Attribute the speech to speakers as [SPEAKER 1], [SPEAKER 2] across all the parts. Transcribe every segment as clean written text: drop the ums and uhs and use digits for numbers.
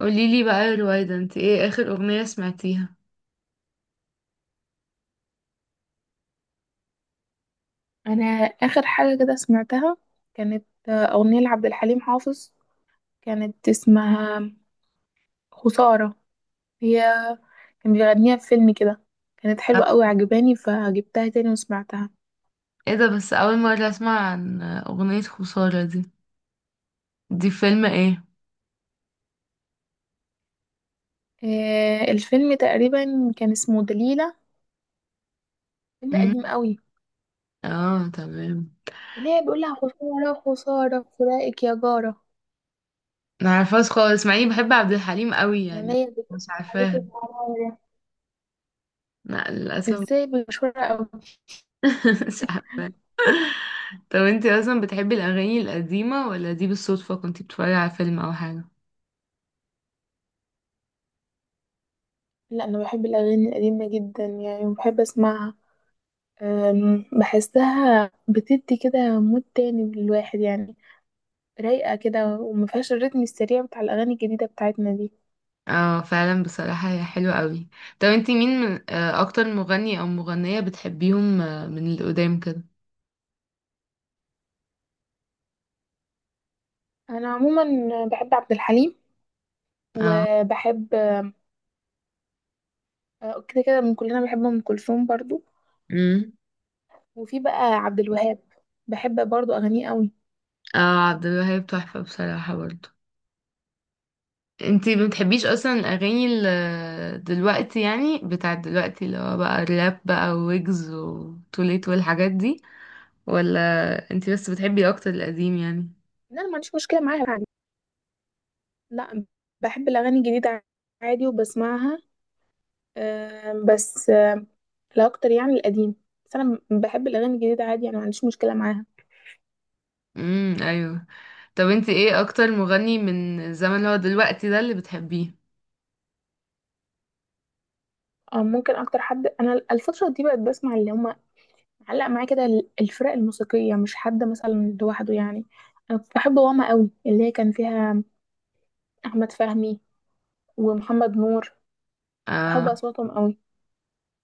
[SPEAKER 1] قوليلي بقى يا رويدة، انت ايه اخر اغنية سمعتيها؟
[SPEAKER 2] انا اخر حاجه كده سمعتها كانت اغنيه لعبد الحليم حافظ. كانت اسمها خساره. هي كان بيغنيها في فيلم كده. كانت حلوه
[SPEAKER 1] آه.
[SPEAKER 2] قوي عجباني فجبتها تاني وسمعتها.
[SPEAKER 1] ايه ده؟ بس اول مرة اسمع عن اغنية خسارة دي. دي فيلم ايه؟
[SPEAKER 2] الفيلم تقريبا كان اسمه دليله، فيلم
[SPEAKER 1] امم
[SPEAKER 2] قديم قوي.
[SPEAKER 1] اه، تمام.
[SPEAKER 2] اللي هي بيقول لها خساره خساره فراقك يا جاره،
[SPEAKER 1] ما عارفاش خالص، مع اني بحب عبد الحليم قوي يعني.
[SPEAKER 2] عينيا بتقول
[SPEAKER 1] مش
[SPEAKER 2] عليكي
[SPEAKER 1] عارفاها.
[SPEAKER 2] بمرارة،
[SPEAKER 1] لا، للاسف.
[SPEAKER 2] ازاي بشوره قوي.
[SPEAKER 1] مش عارفاها. طب انت اصلا بتحبي الاغاني القديمة، ولا دي بالصدفة كنت بتتفرجي على فيلم او حاجة؟
[SPEAKER 2] لا، انا بحب الاغاني القديمه جدا يعني وبحب اسمعها. بحسها بتدي كده مود تاني للواحد يعني، رايقة كده ومفيهاش الريتم السريع بتاع الأغاني الجديدة بتاعتنا دي.
[SPEAKER 1] اه فعلا، بصراحة هي حلوة قوي. طب انت مين من اكتر مغني او مغنية بتحبيهم، من القدام كده؟
[SPEAKER 2] أنا عموما بحب عبد الحليم، وبحب كده كده من كلنا بحب أم كلثوم برضو،
[SPEAKER 1] اه.
[SPEAKER 2] وفي بقى عبد الوهاب بحب برضو أغانيه قوي.
[SPEAKER 1] اه، عبد الوهاب تحفة بصراحة برضو. انتي ما بتحبيش اصلا الاغاني دلوقتي يعني، بتاعت دلوقتي، اللي هو بقى الراب بقى، ويجز وتوليت والحاجات دي؟ ولا انتي بس بتحبي اكتر القديم يعني؟
[SPEAKER 2] لا، أنا ما عنديش مشكلة معاها يعني. لا، بحب الأغاني الجديدة عادي وبسمعها. أم، بس أم، لا أكتر يعني القديم. بس أنا بحب الأغاني الجديدة عادي يعني ما عنديش مشكلة معاها.
[SPEAKER 1] ايوه. طب انتي ايه اكتر مغني من الزمن اللي هو دلوقتي ده اللي بتحبيه؟
[SPEAKER 2] ممكن اكتر حد انا الفتره دي بقت بسمع اللي هم علق معايا كده الفرق الموسيقيه، مش حد مثلا لوحده يعني. انا كنت بحب واما قوي اللي هي كان فيها احمد فهمي ومحمد نور، بحب
[SPEAKER 1] اه.
[SPEAKER 2] اصواتهم قوي.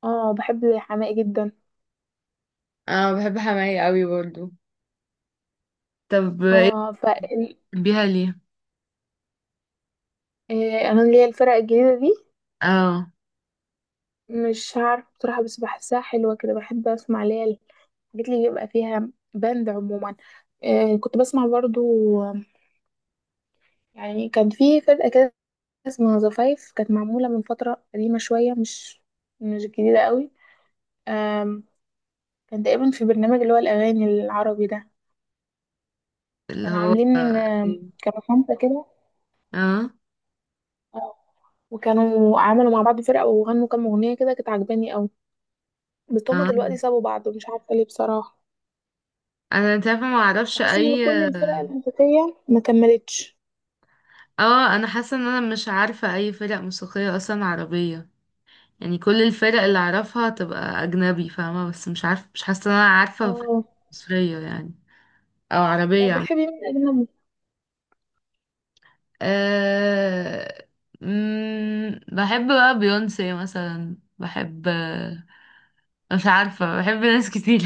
[SPEAKER 2] اه، بحب حماقي جدا.
[SPEAKER 1] اه، بحب حماية قوي برضو. طب ايه،
[SPEAKER 2] اه ف
[SPEAKER 1] بتحبيها ليه؟
[SPEAKER 2] انا اللي هي الفرق الجديده دي،
[SPEAKER 1] اه،
[SPEAKER 2] مش عارفه بصراحه بس بحسها حلوه كده، بحب اسمع اللي هي الحاجات اللي بيبقى فيها باند عموما. كنت بسمع برضو، آه، يعني كان في فرقه كده اسمها زفايف، كانت معمولة من فترة قديمة شوية، مش جديدة قوي. آم، كان تقريبا في برنامج اللي هو الأغاني العربي ده،
[SPEAKER 1] اللي
[SPEAKER 2] كانوا
[SPEAKER 1] هو.
[SPEAKER 2] عاملين،
[SPEAKER 1] ايه؟
[SPEAKER 2] كانوا خمسة كده.
[SPEAKER 1] اه،
[SPEAKER 2] آه، وكانوا عملوا مع بعض فرقة وغنوا كام أغنية كده كانت عجباني قوي. بس هما
[SPEAKER 1] اه.
[SPEAKER 2] دلوقتي سابوا بعض ومش عارفة ليه بصراحة.
[SPEAKER 1] انت عارفة، ما اعرفش
[SPEAKER 2] بحس إن
[SPEAKER 1] اي.
[SPEAKER 2] كل الفرق الموسيقية ما كملتش.
[SPEAKER 1] اه، انا حاسه ان انا مش عارفه اي فرق موسيقيه اصلا عربيه. يعني كل الفرق اللي اعرفها تبقى اجنبي، فاهمه؟ بس مش عارفه، مش حاسه ان انا عارفه فرق
[SPEAKER 2] اه.
[SPEAKER 1] مصريه يعني، او عربيه
[SPEAKER 2] طب
[SPEAKER 1] عم.
[SPEAKER 2] بتحبي مين أجنبي؟
[SPEAKER 1] أه... بحب بقى بيونسي مثلا، مش عارفه، بحب ناس كتير.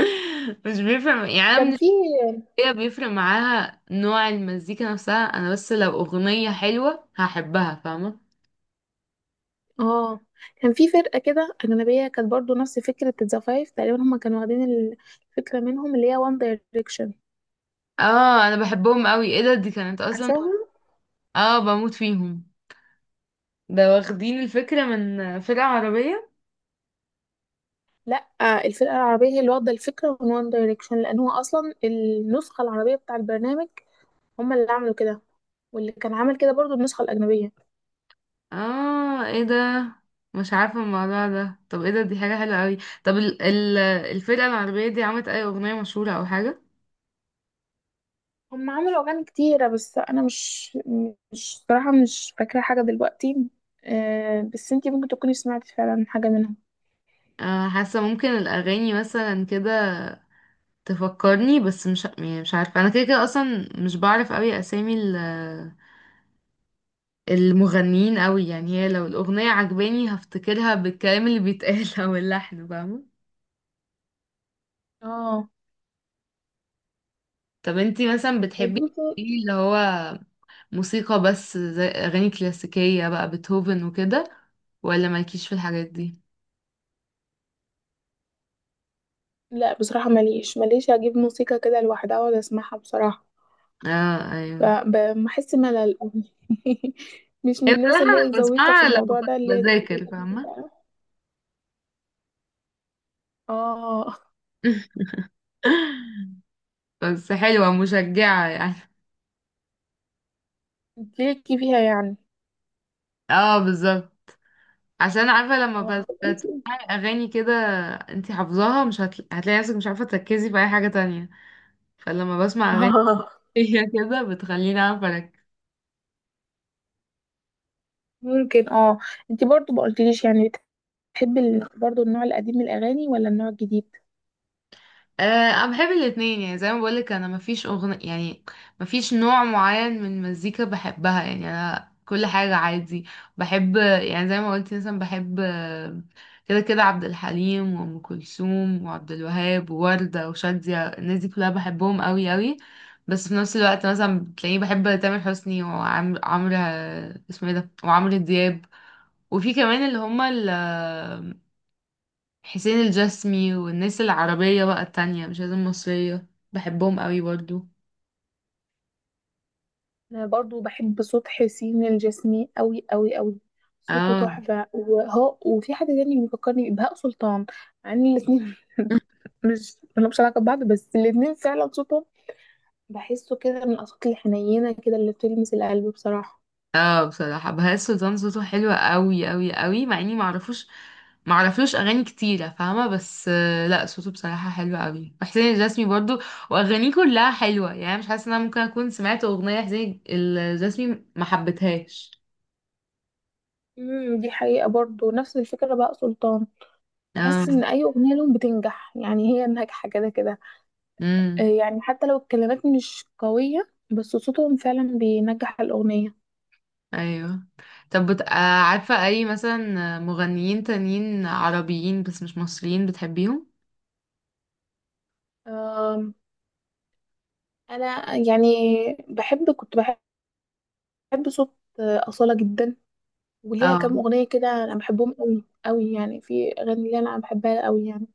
[SPEAKER 1] مش بيفرق يعني، انا
[SPEAKER 2] كان
[SPEAKER 1] من
[SPEAKER 2] في،
[SPEAKER 1] الشخصيه بيفرق معاها نوع المزيكا نفسها. انا بس لو اغنيه حلوه هحبها، فاهمه؟
[SPEAKER 2] اه، كان في فرقة كده أجنبية كانت برضو نفس فكرة ذا فايف تقريبا، هما كانوا واخدين الفكرة منهم اللي هي وان دايركشن.
[SPEAKER 1] اه، انا بحبهم قوي. ايه ده؟ دي كانت اصلا.
[SPEAKER 2] عارفاهم؟
[SPEAKER 1] اه، بموت فيهم. ده واخدين الفكرة من فرقة عربية؟
[SPEAKER 2] لا، الفرقة العربية هي اللي واخدة الفكرة من وان دايركشن، لأن هو أصلا النسخة العربية بتاع البرنامج. هما اللي عملوا كده، واللي كان عمل كده برضو النسخة الأجنبية.
[SPEAKER 1] اه، ايه ده؟ مش عارفة الموضوع ده. طب ايه ده؟ دي حاجة حلوة اوي. طب ال الفرقة العربية دي عملت اي اغنية مشهورة او حاجة؟
[SPEAKER 2] هما عملوا أغاني كتيرة بس أنا مش مش صراحة مش فاكرة حاجة دلوقتي. بس انتي ممكن تكوني سمعتي فعلا حاجة منهم.
[SPEAKER 1] حاسة ممكن الاغاني مثلا كده تفكرني، بس مش يعني، مش عارفة. انا كده كده اصلا مش بعرف اوي اسامي المغنيين اوي يعني. هي لو الاغنية عجباني هفتكرها بالكلام اللي بيتقال، او اللحن، فاهمة؟
[SPEAKER 2] اه.
[SPEAKER 1] طب انتي مثلا
[SPEAKER 2] طيب
[SPEAKER 1] بتحبي
[SPEAKER 2] انتي،
[SPEAKER 1] ايه، اللي هو موسيقى بس، زي أغاني كلاسيكية بقى، بيتهوفن وكده؟ ولا مالكيش في الحاجات دي؟
[SPEAKER 2] لا بصراحة ماليش اجيب موسيقى كده لوحدها واقعد اسمعها بصراحة،
[SPEAKER 1] اه، ايوه.
[SPEAKER 2] فبحس ملل أوي. مش من
[SPEAKER 1] هي
[SPEAKER 2] الناس
[SPEAKER 1] بصراحة
[SPEAKER 2] اللي هي
[SPEAKER 1] أنا
[SPEAKER 2] الذويقة في
[SPEAKER 1] بسمعها لما
[SPEAKER 2] الموضوع
[SPEAKER 1] كنت
[SPEAKER 2] ده اللي هي بتجيب
[SPEAKER 1] بذاكر،
[SPEAKER 2] الأغاني
[SPEAKER 1] فاهمة؟
[SPEAKER 2] بقى. اه،
[SPEAKER 1] بس حلوة، مشجعة يعني.
[SPEAKER 2] ليكي فيها يعني.
[SPEAKER 1] اه، بالظبط. عشان عارفة لما
[SPEAKER 2] اه.
[SPEAKER 1] بتسمعي أغاني كده انتي حافظاها، مش هتلاقي نفسك مش عارفة تركزي في أي حاجة تانية. فلما بسمع أغاني،
[SPEAKER 2] آه،
[SPEAKER 1] هي كده بتخليني أعرف أركز.
[SPEAKER 2] ممكن اه. انت برضو ما قلتليش يعني، بتحبي برضو النوع القديم من الاغاني ولا النوع الجديد.
[SPEAKER 1] أه، انا بحب الاتنين يعني. زي ما بقولك، انا مفيش اغنية يعني، مفيش نوع معين من المزيكا بحبها يعني. انا كل حاجة عادي بحب يعني. زي ما قلت مثلا بحب، كده كده، عبد الحليم وام كلثوم وعبد الوهاب ووردة وشادية، الناس دي كلها بحبهم قوي قوي. بس في نفس الوقت مثلا بتلاقيني بحب تامر حسني، وعمرو عمرو آه، اسمه ايه ده، وعمرو دياب. وفي كمان اللي هما حسين الجسمي، والناس العربية بقى التانية، مش لازم مصرية، بحبهم قوي برضو.
[SPEAKER 2] انا برضو بحب صوت حسين الجسمي قوي قوي قوي، صوته
[SPEAKER 1] اه.
[SPEAKER 2] تحفة. وهو وفي حد تاني بيفكرني، بهاء سلطان، مع ان الاتنين مش ملهمش علاقة ببعض، بس الاتنين فعلا صوتهم بحسه كده من الأصوات الحنينة كده اللي بتلمس القلب بصراحة.
[SPEAKER 1] اه، بصراحة بهاء سلطان صوته حلو قوي قوي قوي، مع اني معرفلوش اغاني كتيرة، فاهمة؟ بس لا، صوته بصراحة حلو قوي. وحسين الجسمي برضو واغانيه كلها حلوة يعني، مش حاسة ان انا ممكن اكون سمعت اغنية حسين الجسمي ما حبيتهاش.
[SPEAKER 2] امم، دي حقيقة برضو. نفس الفكرة بقى سلطان،
[SPEAKER 1] اه،
[SPEAKER 2] بحس إن أي أغنية لهم بتنجح، يعني هي ناجحة كده كده.
[SPEAKER 1] امم،
[SPEAKER 2] يعني حتى لو الكلمات مش قوية بس صوتهم فعلا بينجح الأغنية.
[SPEAKER 1] ايوه. طب بت... آه، عارفة اي مثلا مغنيين تانيين عربيين بس مش مصريين بتحبيهم؟
[SPEAKER 2] آم، أنا يعني كنت بحب صوت أصالة جدا، وليها
[SPEAKER 1] اه،
[SPEAKER 2] كام أغنية كده أنا بحبهم قوي قوي يعني، في أغاني اللي أنا بحبها قوي يعني.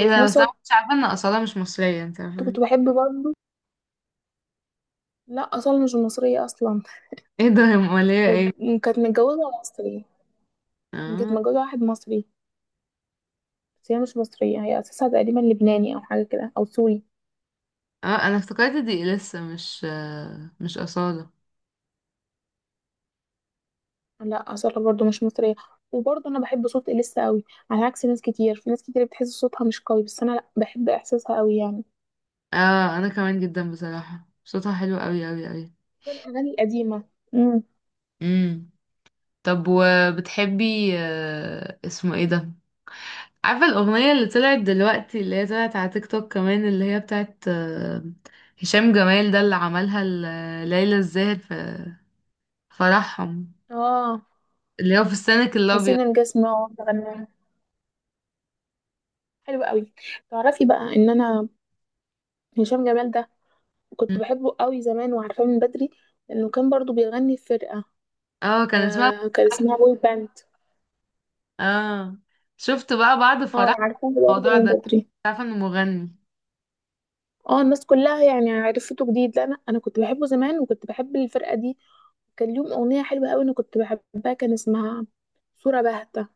[SPEAKER 1] ايه ده؟
[SPEAKER 2] نفس
[SPEAKER 1] بس انا
[SPEAKER 2] الوقت
[SPEAKER 1] مش عارفة ان أصالة مش مصرية، انت عارفة؟
[SPEAKER 2] كنت بحب برضه، لا اصلا مش مصرية اصلا.
[SPEAKER 1] ايه ده يا مولية،
[SPEAKER 2] آه،
[SPEAKER 1] ايه!
[SPEAKER 2] كانت متجوزة مصري، كانت
[SPEAKER 1] اه.
[SPEAKER 2] متجوزة واحد مصري، بس هي مش مصرية، هي اساسها تقريبا لبناني او حاجة كده او سوري.
[SPEAKER 1] اه، انا افتكرت دي لسه مش أصالة.
[SPEAKER 2] لا اصلا برضو مش مصرية. وبرضه انا بحب صوت اليسا قوي، على عكس ناس كتير، في ناس كتير بتحس صوتها مش قوي، بس انا لا بحب احساسها قوي يعني.
[SPEAKER 1] اه، انا كمان جدا، بصراحة صوتها حلو قوي قوي قوي.
[SPEAKER 2] الاغاني القديمة. امم.
[SPEAKER 1] امم طب وبتحبي اسمه ايه ده، عارفة الأغنية اللي طلعت دلوقتي، اللي هي طلعت على تيك توك كمان، اللي هي بتاعت هشام جمال ده، اللي عملها ليلى الزاهر في فرحهم،
[SPEAKER 2] اه،
[SPEAKER 1] اللي هو في السنك الأبيض؟
[SPEAKER 2] حسين الجسم اه غناها حلو قوي. تعرفي بقى ان انا هشام جمال ده كنت
[SPEAKER 1] مم.
[SPEAKER 2] بحبه قوي زمان وعارفاه من بدري، لانه كان برضو بيغني في فرقة.
[SPEAKER 1] اه، كان اسمها.
[SPEAKER 2] آه، كان اسمها بوي باند.
[SPEAKER 1] اه، شفت بقى بعد
[SPEAKER 2] اه،
[SPEAKER 1] فرح
[SPEAKER 2] انا عارفاه برضه
[SPEAKER 1] الموضوع
[SPEAKER 2] من
[SPEAKER 1] ده
[SPEAKER 2] بدري.
[SPEAKER 1] مش عارفة انه مغني.
[SPEAKER 2] اه، الناس كلها يعني عرفته جديد، لا انا، انا كنت بحبه زمان وكنت بحب الفرقه دي. كان ليهم اغنيه حلوه قوي انا كنت بحبها، كان اسمها صوره باهته،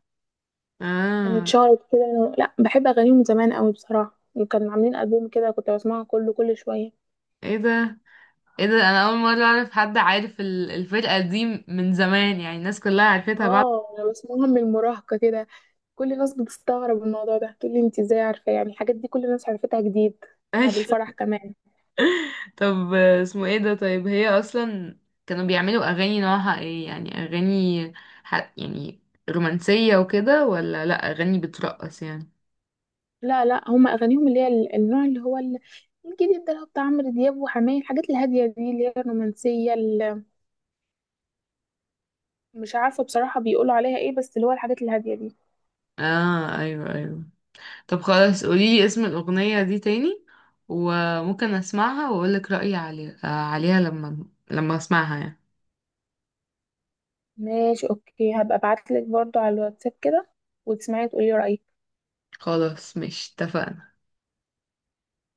[SPEAKER 2] كانت
[SPEAKER 1] اه،
[SPEAKER 2] شهرت كده. لا بحب اغانيهم من زمان قوي بصراحه، وكانوا عاملين البوم كده كنت بسمعه كله كل شويه.
[SPEAKER 1] ايه ده؟ ايه ده؟ انا اول مرة اعرف حد عارف الفرقة دي من زمان يعني، الناس كلها عرفتها بعد.
[SPEAKER 2] اه انا بسمعهم من المراهقه كده. كل الناس بتستغرب الموضوع ده، تقول لي انت ازاي عارفه يعني الحاجات دي، كل الناس عرفتها جديد بعد الفرح كمان.
[SPEAKER 1] طب اسمه ايه ده، طيب هي اصلا كانوا بيعملوا اغاني نوعها ايه؟ يعني اغاني يعني رومانسية وكده، ولا لا، اغاني بترقص يعني؟
[SPEAKER 2] لا لا، هم اغانيهم اللي هي النوع اللي هو الجديد ده، اللي هو بتاع عمرو دياب وحماية، الحاجات الهاديه دي اللي هي الرومانسيه، اللي مش عارفه بصراحه بيقولوا عليها ايه، بس اللي هو الحاجات الهاديه دي.
[SPEAKER 1] اه، ايوه، ايوه. طب خلاص، قوليلي اسم الاغنية دي تاني وممكن اسمعها واقولك رأيي عليها، عليها لما اسمعها يعني.
[SPEAKER 2] ماشي، اوكي، هبقى ابعت لك برضو على الواتساب كده وتسمعي تقولي رايك.
[SPEAKER 1] خلاص، مش اتفقنا.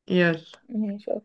[SPEAKER 1] يلا
[SPEAKER 2] ماشي.